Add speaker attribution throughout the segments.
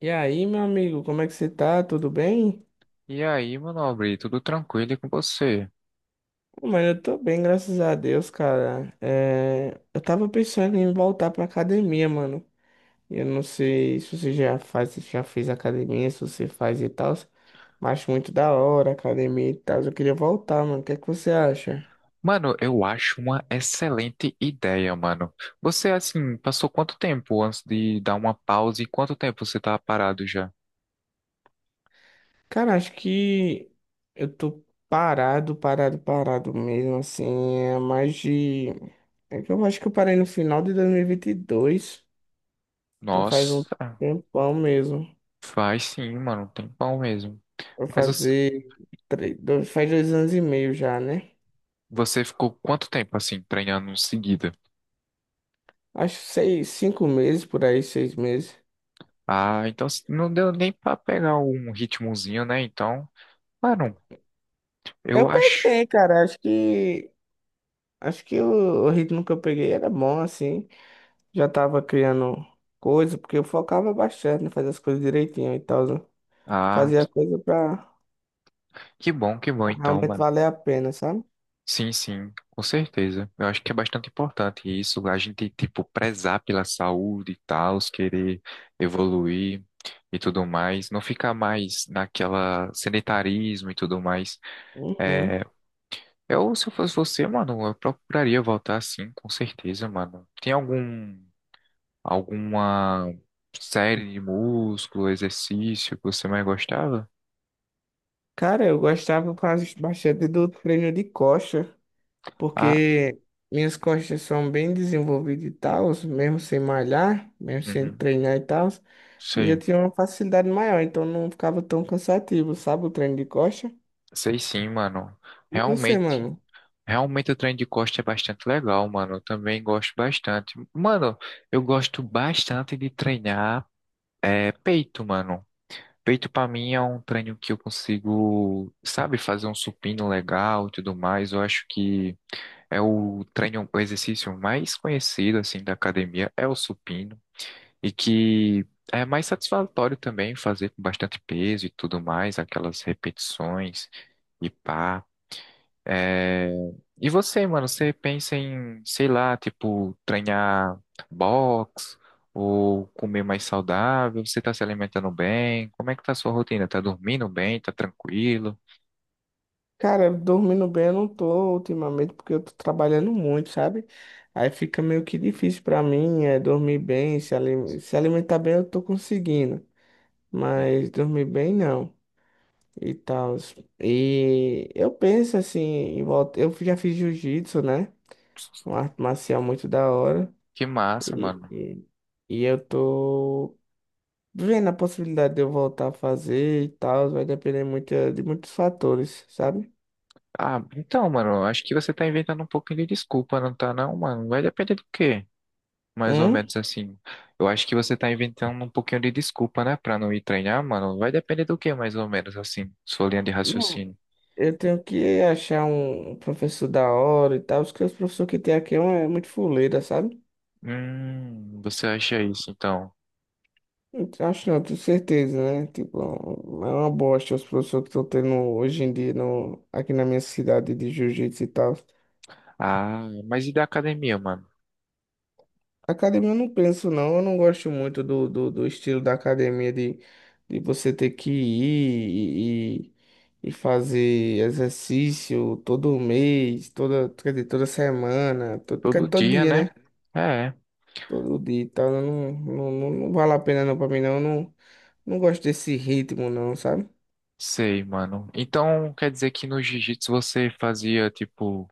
Speaker 1: E aí, meu amigo, como é que você tá? Tudo bem?
Speaker 2: E aí, meu nobre, tudo tranquilo e com você?
Speaker 1: Pô, mano, eu tô bem, graças a Deus, cara. Eu tava pensando em voltar pra academia, mano. Eu não sei se você já faz, se já fez academia, se você faz e tal, mas acho muito da hora academia e tal. Eu queria voltar, mano. O que é que você acha?
Speaker 2: Mano, eu acho uma excelente ideia, mano. Você, assim, passou quanto tempo antes de dar uma pausa e quanto tempo você tá parado já?
Speaker 1: Cara, acho que eu tô parado, parado, parado mesmo, assim, é mais de... é que eu acho que eu parei no final de dois mil e vinte e dois. Então faz um
Speaker 2: Nossa,
Speaker 1: tempão mesmo.
Speaker 2: faz sim, mano, um tempão mesmo.
Speaker 1: Vai
Speaker 2: Mas os-
Speaker 1: fazer três, dois, Faz 2 anos e meio já, né?
Speaker 2: Você ficou quanto tempo, assim, treinando em seguida?
Speaker 1: Acho seis, 5 meses, por aí, 6 meses.
Speaker 2: Ah, então assim, não deu nem pra pegar um ritmozinho, né? Então, mano, eu
Speaker 1: Eu
Speaker 2: acho.
Speaker 1: peguei, cara. Acho que o ritmo que eu peguei era bom, assim. Já tava criando coisa, porque eu focava bastante em fazer as coisas direitinho e tal, né?
Speaker 2: Ah,
Speaker 1: Fazia coisa pra
Speaker 2: que bom
Speaker 1: pra
Speaker 2: então,
Speaker 1: realmente
Speaker 2: mano.
Speaker 1: valer a pena, sabe?
Speaker 2: Sim, sim, com certeza. Eu acho que é bastante importante isso, a gente, tipo, prezar pela saúde e tal, querer evoluir e tudo mais, não ficar mais naquela sedentarismo e tudo mais.
Speaker 1: Uhum.
Speaker 2: É, eu, se eu fosse você, mano, eu procuraria voltar sim, com certeza, mano. Tem algum, alguma série de músculo, exercício que você mais gostava?
Speaker 1: Cara, eu gostava quase bastante do treino de coxa.
Speaker 2: Ah,
Speaker 1: porque minhas costas são bem desenvolvidas e tal, mesmo sem malhar, mesmo sem
Speaker 2: uhum,
Speaker 1: treinar e tal, e eu
Speaker 2: sei,
Speaker 1: tinha uma facilidade maior, então não ficava tão cansativo, sabe, o treino de costa.
Speaker 2: sei sim, mano.
Speaker 1: E você,
Speaker 2: Realmente.
Speaker 1: mano?
Speaker 2: Realmente o trem de costa é bastante legal, mano. Eu também gosto bastante. Mano, eu gosto bastante de treinar é, peito, mano. Peito pra mim é um treino que eu consigo, sabe, fazer um supino legal e tudo mais. Eu acho que é o treino, o exercício mais conhecido assim da academia é o supino e que é mais satisfatório também fazer com bastante peso e tudo mais, aquelas repetições e pá. É, e você, mano, você pensa em, sei lá, tipo, treinar boxe ou comer mais saudável? Você tá se alimentando bem? Como é que tá a sua rotina? Tá dormindo bem? Tá tranquilo?
Speaker 1: Cara, dormindo bem eu não tô ultimamente, porque eu tô trabalhando muito, sabe? Aí fica meio que difícil pra mim, dormir bem, se alimentar bem eu tô conseguindo,
Speaker 2: Uhum.
Speaker 1: mas dormir bem não. E tal. E eu penso assim, em volta. Eu já fiz jiu-jitsu, né? Uma arte marcial muito da hora.
Speaker 2: Que massa,
Speaker 1: E,
Speaker 2: mano.
Speaker 1: e, e eu tô vendo a possibilidade de eu voltar a fazer e tal. Vai depender muito de muitos fatores, sabe?
Speaker 2: Ah, então, mano, acho que você tá inventando um pouquinho de desculpa, não tá não, mano? Vai depender do quê? Mais ou
Speaker 1: Hum?
Speaker 2: menos assim. Eu acho que você tá inventando um pouquinho de desculpa, né, pra não ir treinar, mano? Vai depender do quê, mais ou menos assim, sua linha de
Speaker 1: Não,
Speaker 2: raciocínio.
Speaker 1: eu tenho que achar um professor da hora e tal, porque os professores que tem aqui é muito fuleira, sabe?
Speaker 2: Você acha isso, então?
Speaker 1: Então, acho não, tenho certeza, né? Tipo, é um, é uma bosta os professores que estão tendo hoje em dia no, aqui na minha cidade de jiu-jitsu e tal.
Speaker 2: Ah, mas e da academia, mano?
Speaker 1: Academia eu não penso, não. Eu não gosto muito do estilo da academia de você ter que ir e fazer exercício todo mês, toda, quer dizer, toda semana, todo, quer
Speaker 2: Todo
Speaker 1: dizer, todo
Speaker 2: dia,
Speaker 1: dia,
Speaker 2: né?
Speaker 1: né?
Speaker 2: É,
Speaker 1: Todo dia e tal. Eu não, não, não, não vale a pena não pra mim, não. Eu não gosto desse ritmo, não, sabe?
Speaker 2: sei, mano. Então, quer dizer que no jiu-jitsu você fazia, tipo,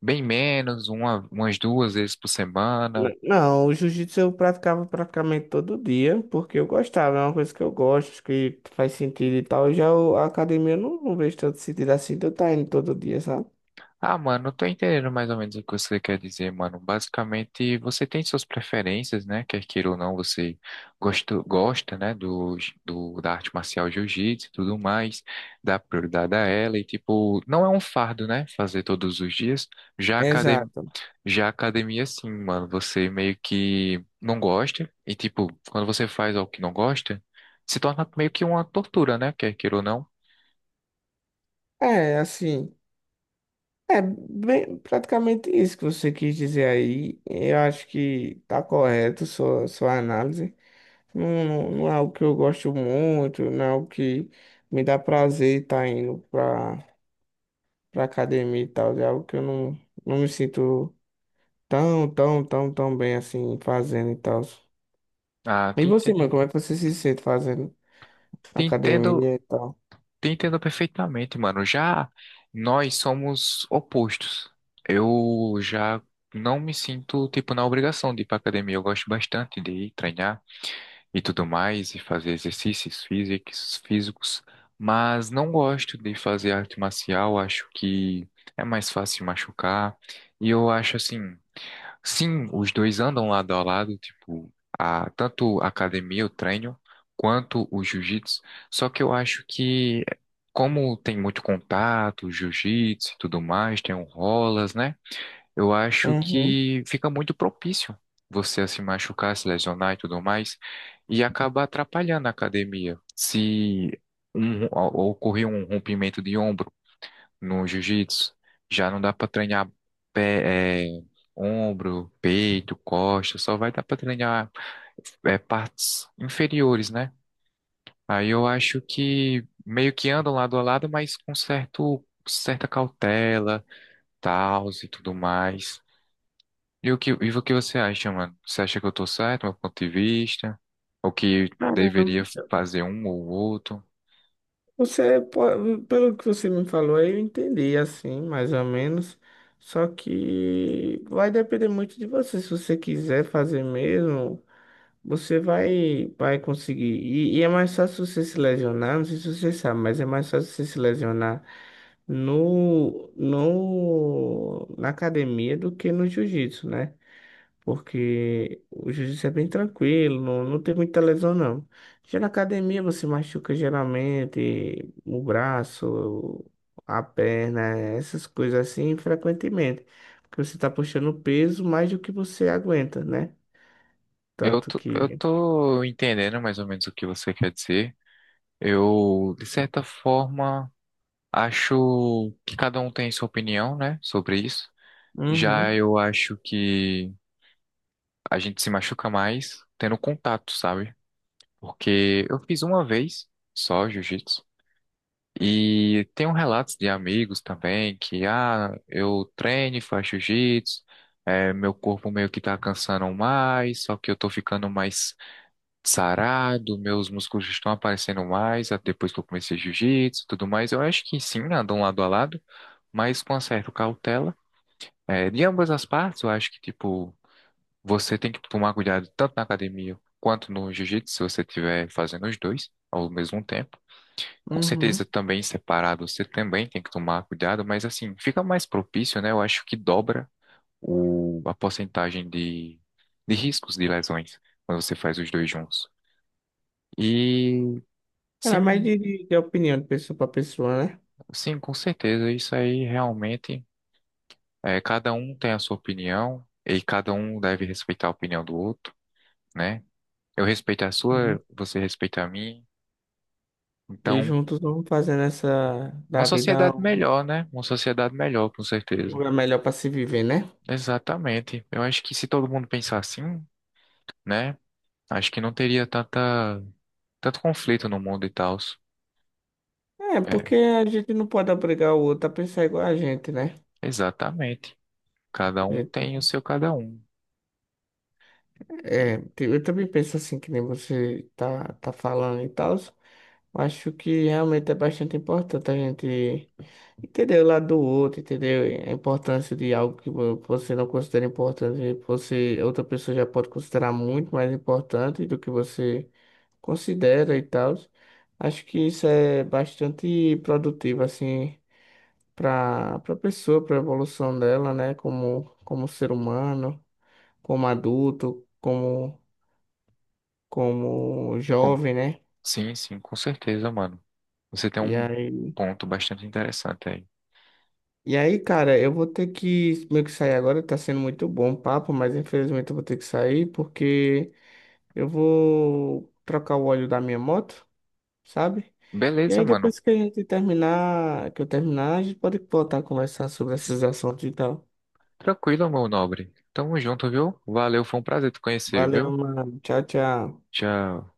Speaker 2: bem menos, uma, umas duas vezes por semana.
Speaker 1: Não, o jiu-jitsu eu praticava praticamente todo dia, porque eu gostava, é uma coisa que eu gosto, que faz sentido e tal. Já a academia eu não vejo tanto sentido assim de eu estar indo todo dia, sabe?
Speaker 2: Ah, mano, eu tô entendendo mais ou menos o que você quer dizer, mano. Basicamente, você tem suas preferências, né? Quer queira ou não, você gosta, gosta, né, do, da arte marcial jiu-jitsu e tudo mais, dá prioridade a ela e, tipo, não é um fardo, né, fazer todos os dias. Já a academia,
Speaker 1: Exato.
Speaker 2: já a academia, sim, mano, você meio que não gosta e, tipo, quando você faz algo que não gosta, se torna meio que uma tortura, né? Quer queira ou não.
Speaker 1: É, assim, é bem, praticamente isso que você quis dizer aí. Eu acho que tá correto sua análise. Não, não, não é algo que eu gosto muito, não é algo que me dá prazer estar indo pra academia e tal. É algo que eu não me sinto Tão, tão, tão, tão bem assim, fazendo e tal.
Speaker 2: Ah,
Speaker 1: E
Speaker 2: te
Speaker 1: você, mano,
Speaker 2: entendo,
Speaker 1: como é que você se sente fazendo
Speaker 2: te entendo
Speaker 1: academia e tal?
Speaker 2: te entendo perfeitamente, mano. Já nós somos opostos. Eu já não me sinto, tipo, na obrigação de ir pra academia. Eu gosto bastante de ir treinar e tudo mais, e fazer exercícios físicos, físicos, mas não gosto de fazer arte marcial. Acho que é mais fácil machucar. E eu acho assim. Sim, os dois andam lado a lado, tipo, a, tanto a academia, o treino, quanto o jiu-jitsu. Só que eu acho que, como tem muito contato, jiu-jitsu e tudo mais, tem um rolas, né? Eu acho
Speaker 1: Uhum.
Speaker 2: que fica muito propício você a se machucar, se lesionar e tudo mais, e acaba atrapalhando a academia. Se um, ocorrer um rompimento de ombro, no jiu-jitsu, já não dá para treinar pé, é, ombro, peito, costa, só vai dar para treinar é, partes inferiores, né? Aí eu acho que meio que andam lado a lado, mas com certo, certa cautela, tals e tudo mais. E o que você acha, mano? Você acha que eu tô certo, meu ponto de vista? Ou que deveria
Speaker 1: Caramba.
Speaker 2: fazer um ou outro?
Speaker 1: Pelo que você me falou, eu entendi assim, mais ou menos. Só que vai depender muito de você. Se você quiser fazer mesmo. Você vai conseguir. E é mais fácil você se lesionar, não sei se você sabe, mas é mais fácil você se lesionar no, no, na academia do que no jiu-jitsu, né? Porque o jiu-jitsu é bem tranquilo, não, não tem muita lesão, não. Já na academia você machuca geralmente o braço, a perna, essas coisas assim, frequentemente. Porque você está puxando peso mais do que você aguenta, né? Tanto
Speaker 2: Eu
Speaker 1: que.
Speaker 2: tô entendendo mais ou menos o que você quer dizer. Eu, de certa forma, acho que cada um tem sua opinião, né, sobre isso. Já
Speaker 1: Uhum.
Speaker 2: eu acho que a gente se machuca mais tendo contato, sabe? Porque eu fiz uma vez só jiu-jitsu. E tem um relatos de amigos também que, ah, eu treino e faço jiu-jitsu, é, meu corpo meio que tá cansando mais, só que eu tô ficando mais sarado, meus músculos estão aparecendo mais ah, depois que eu comecei jiu-jitsu e tudo mais. Eu acho que sim, andam lado a lado, mas com uma certa cautela. É, de ambas as partes, eu acho que, tipo, você tem que tomar cuidado tanto na academia quanto no jiu-jitsu, se você estiver fazendo os dois ao mesmo tempo. Com
Speaker 1: Uhum.
Speaker 2: certeza, também separado, você também tem que tomar cuidado, mas assim, fica mais propício, né? Eu acho que dobra o, a porcentagem de riscos de lesões quando você faz os dois juntos. E
Speaker 1: É, mas é mais
Speaker 2: sim,
Speaker 1: de opinião de pessoa para pessoa, né?
Speaker 2: sim, com certeza. Isso aí realmente é, cada um tem a sua opinião e cada um deve respeitar a opinião do outro, né? Eu respeito a
Speaker 1: Uhum.
Speaker 2: sua, você respeita a minha.
Speaker 1: E
Speaker 2: Então,
Speaker 1: juntos vamos fazendo essa
Speaker 2: uma
Speaker 1: da vida
Speaker 2: sociedade
Speaker 1: um
Speaker 2: melhor, né? Uma sociedade melhor, com certeza.
Speaker 1: lugar melhor para se viver, né?
Speaker 2: Exatamente. Eu acho que se todo mundo pensar assim, né? Acho que não teria tanta, tanto conflito no mundo e tal.
Speaker 1: É,
Speaker 2: É,
Speaker 1: porque a gente não pode obrigar o outro a pensar igual a gente, né?
Speaker 2: exatamente. Cada
Speaker 1: A
Speaker 2: um
Speaker 1: gente
Speaker 2: tem o
Speaker 1: tem
Speaker 2: seu cada um. E
Speaker 1: É, te- Eu também penso assim, que nem você tá falando e tal. Acho que realmente é bastante importante a gente entender o lado do outro, entender a importância de algo que você não considera importante, você, outra pessoa já pode considerar muito mais importante do que você considera e tal. Acho que isso é bastante produtivo, assim, para pessoa, para a evolução dela, né, como ser humano, como adulto, como jovem, né?
Speaker 2: sim, sim, com certeza, mano. Você tem
Speaker 1: E
Speaker 2: um
Speaker 1: aí,
Speaker 2: ponto bastante interessante aí.
Speaker 1: e aí, cara, eu vou ter que meio que sair agora, tá sendo muito bom o papo, mas infelizmente eu vou ter que sair porque eu vou trocar o óleo da minha moto, sabe? E
Speaker 2: Beleza,
Speaker 1: aí
Speaker 2: mano.
Speaker 1: depois que a gente terminar, que eu terminar, a gente pode voltar a conversar sobre esses assuntos e tal.
Speaker 2: Tranquilo, meu nobre. Tamo junto, viu? Valeu, foi um prazer te conhecer,
Speaker 1: Valeu,
Speaker 2: viu?
Speaker 1: mano. Tchau, tchau.
Speaker 2: Tchau.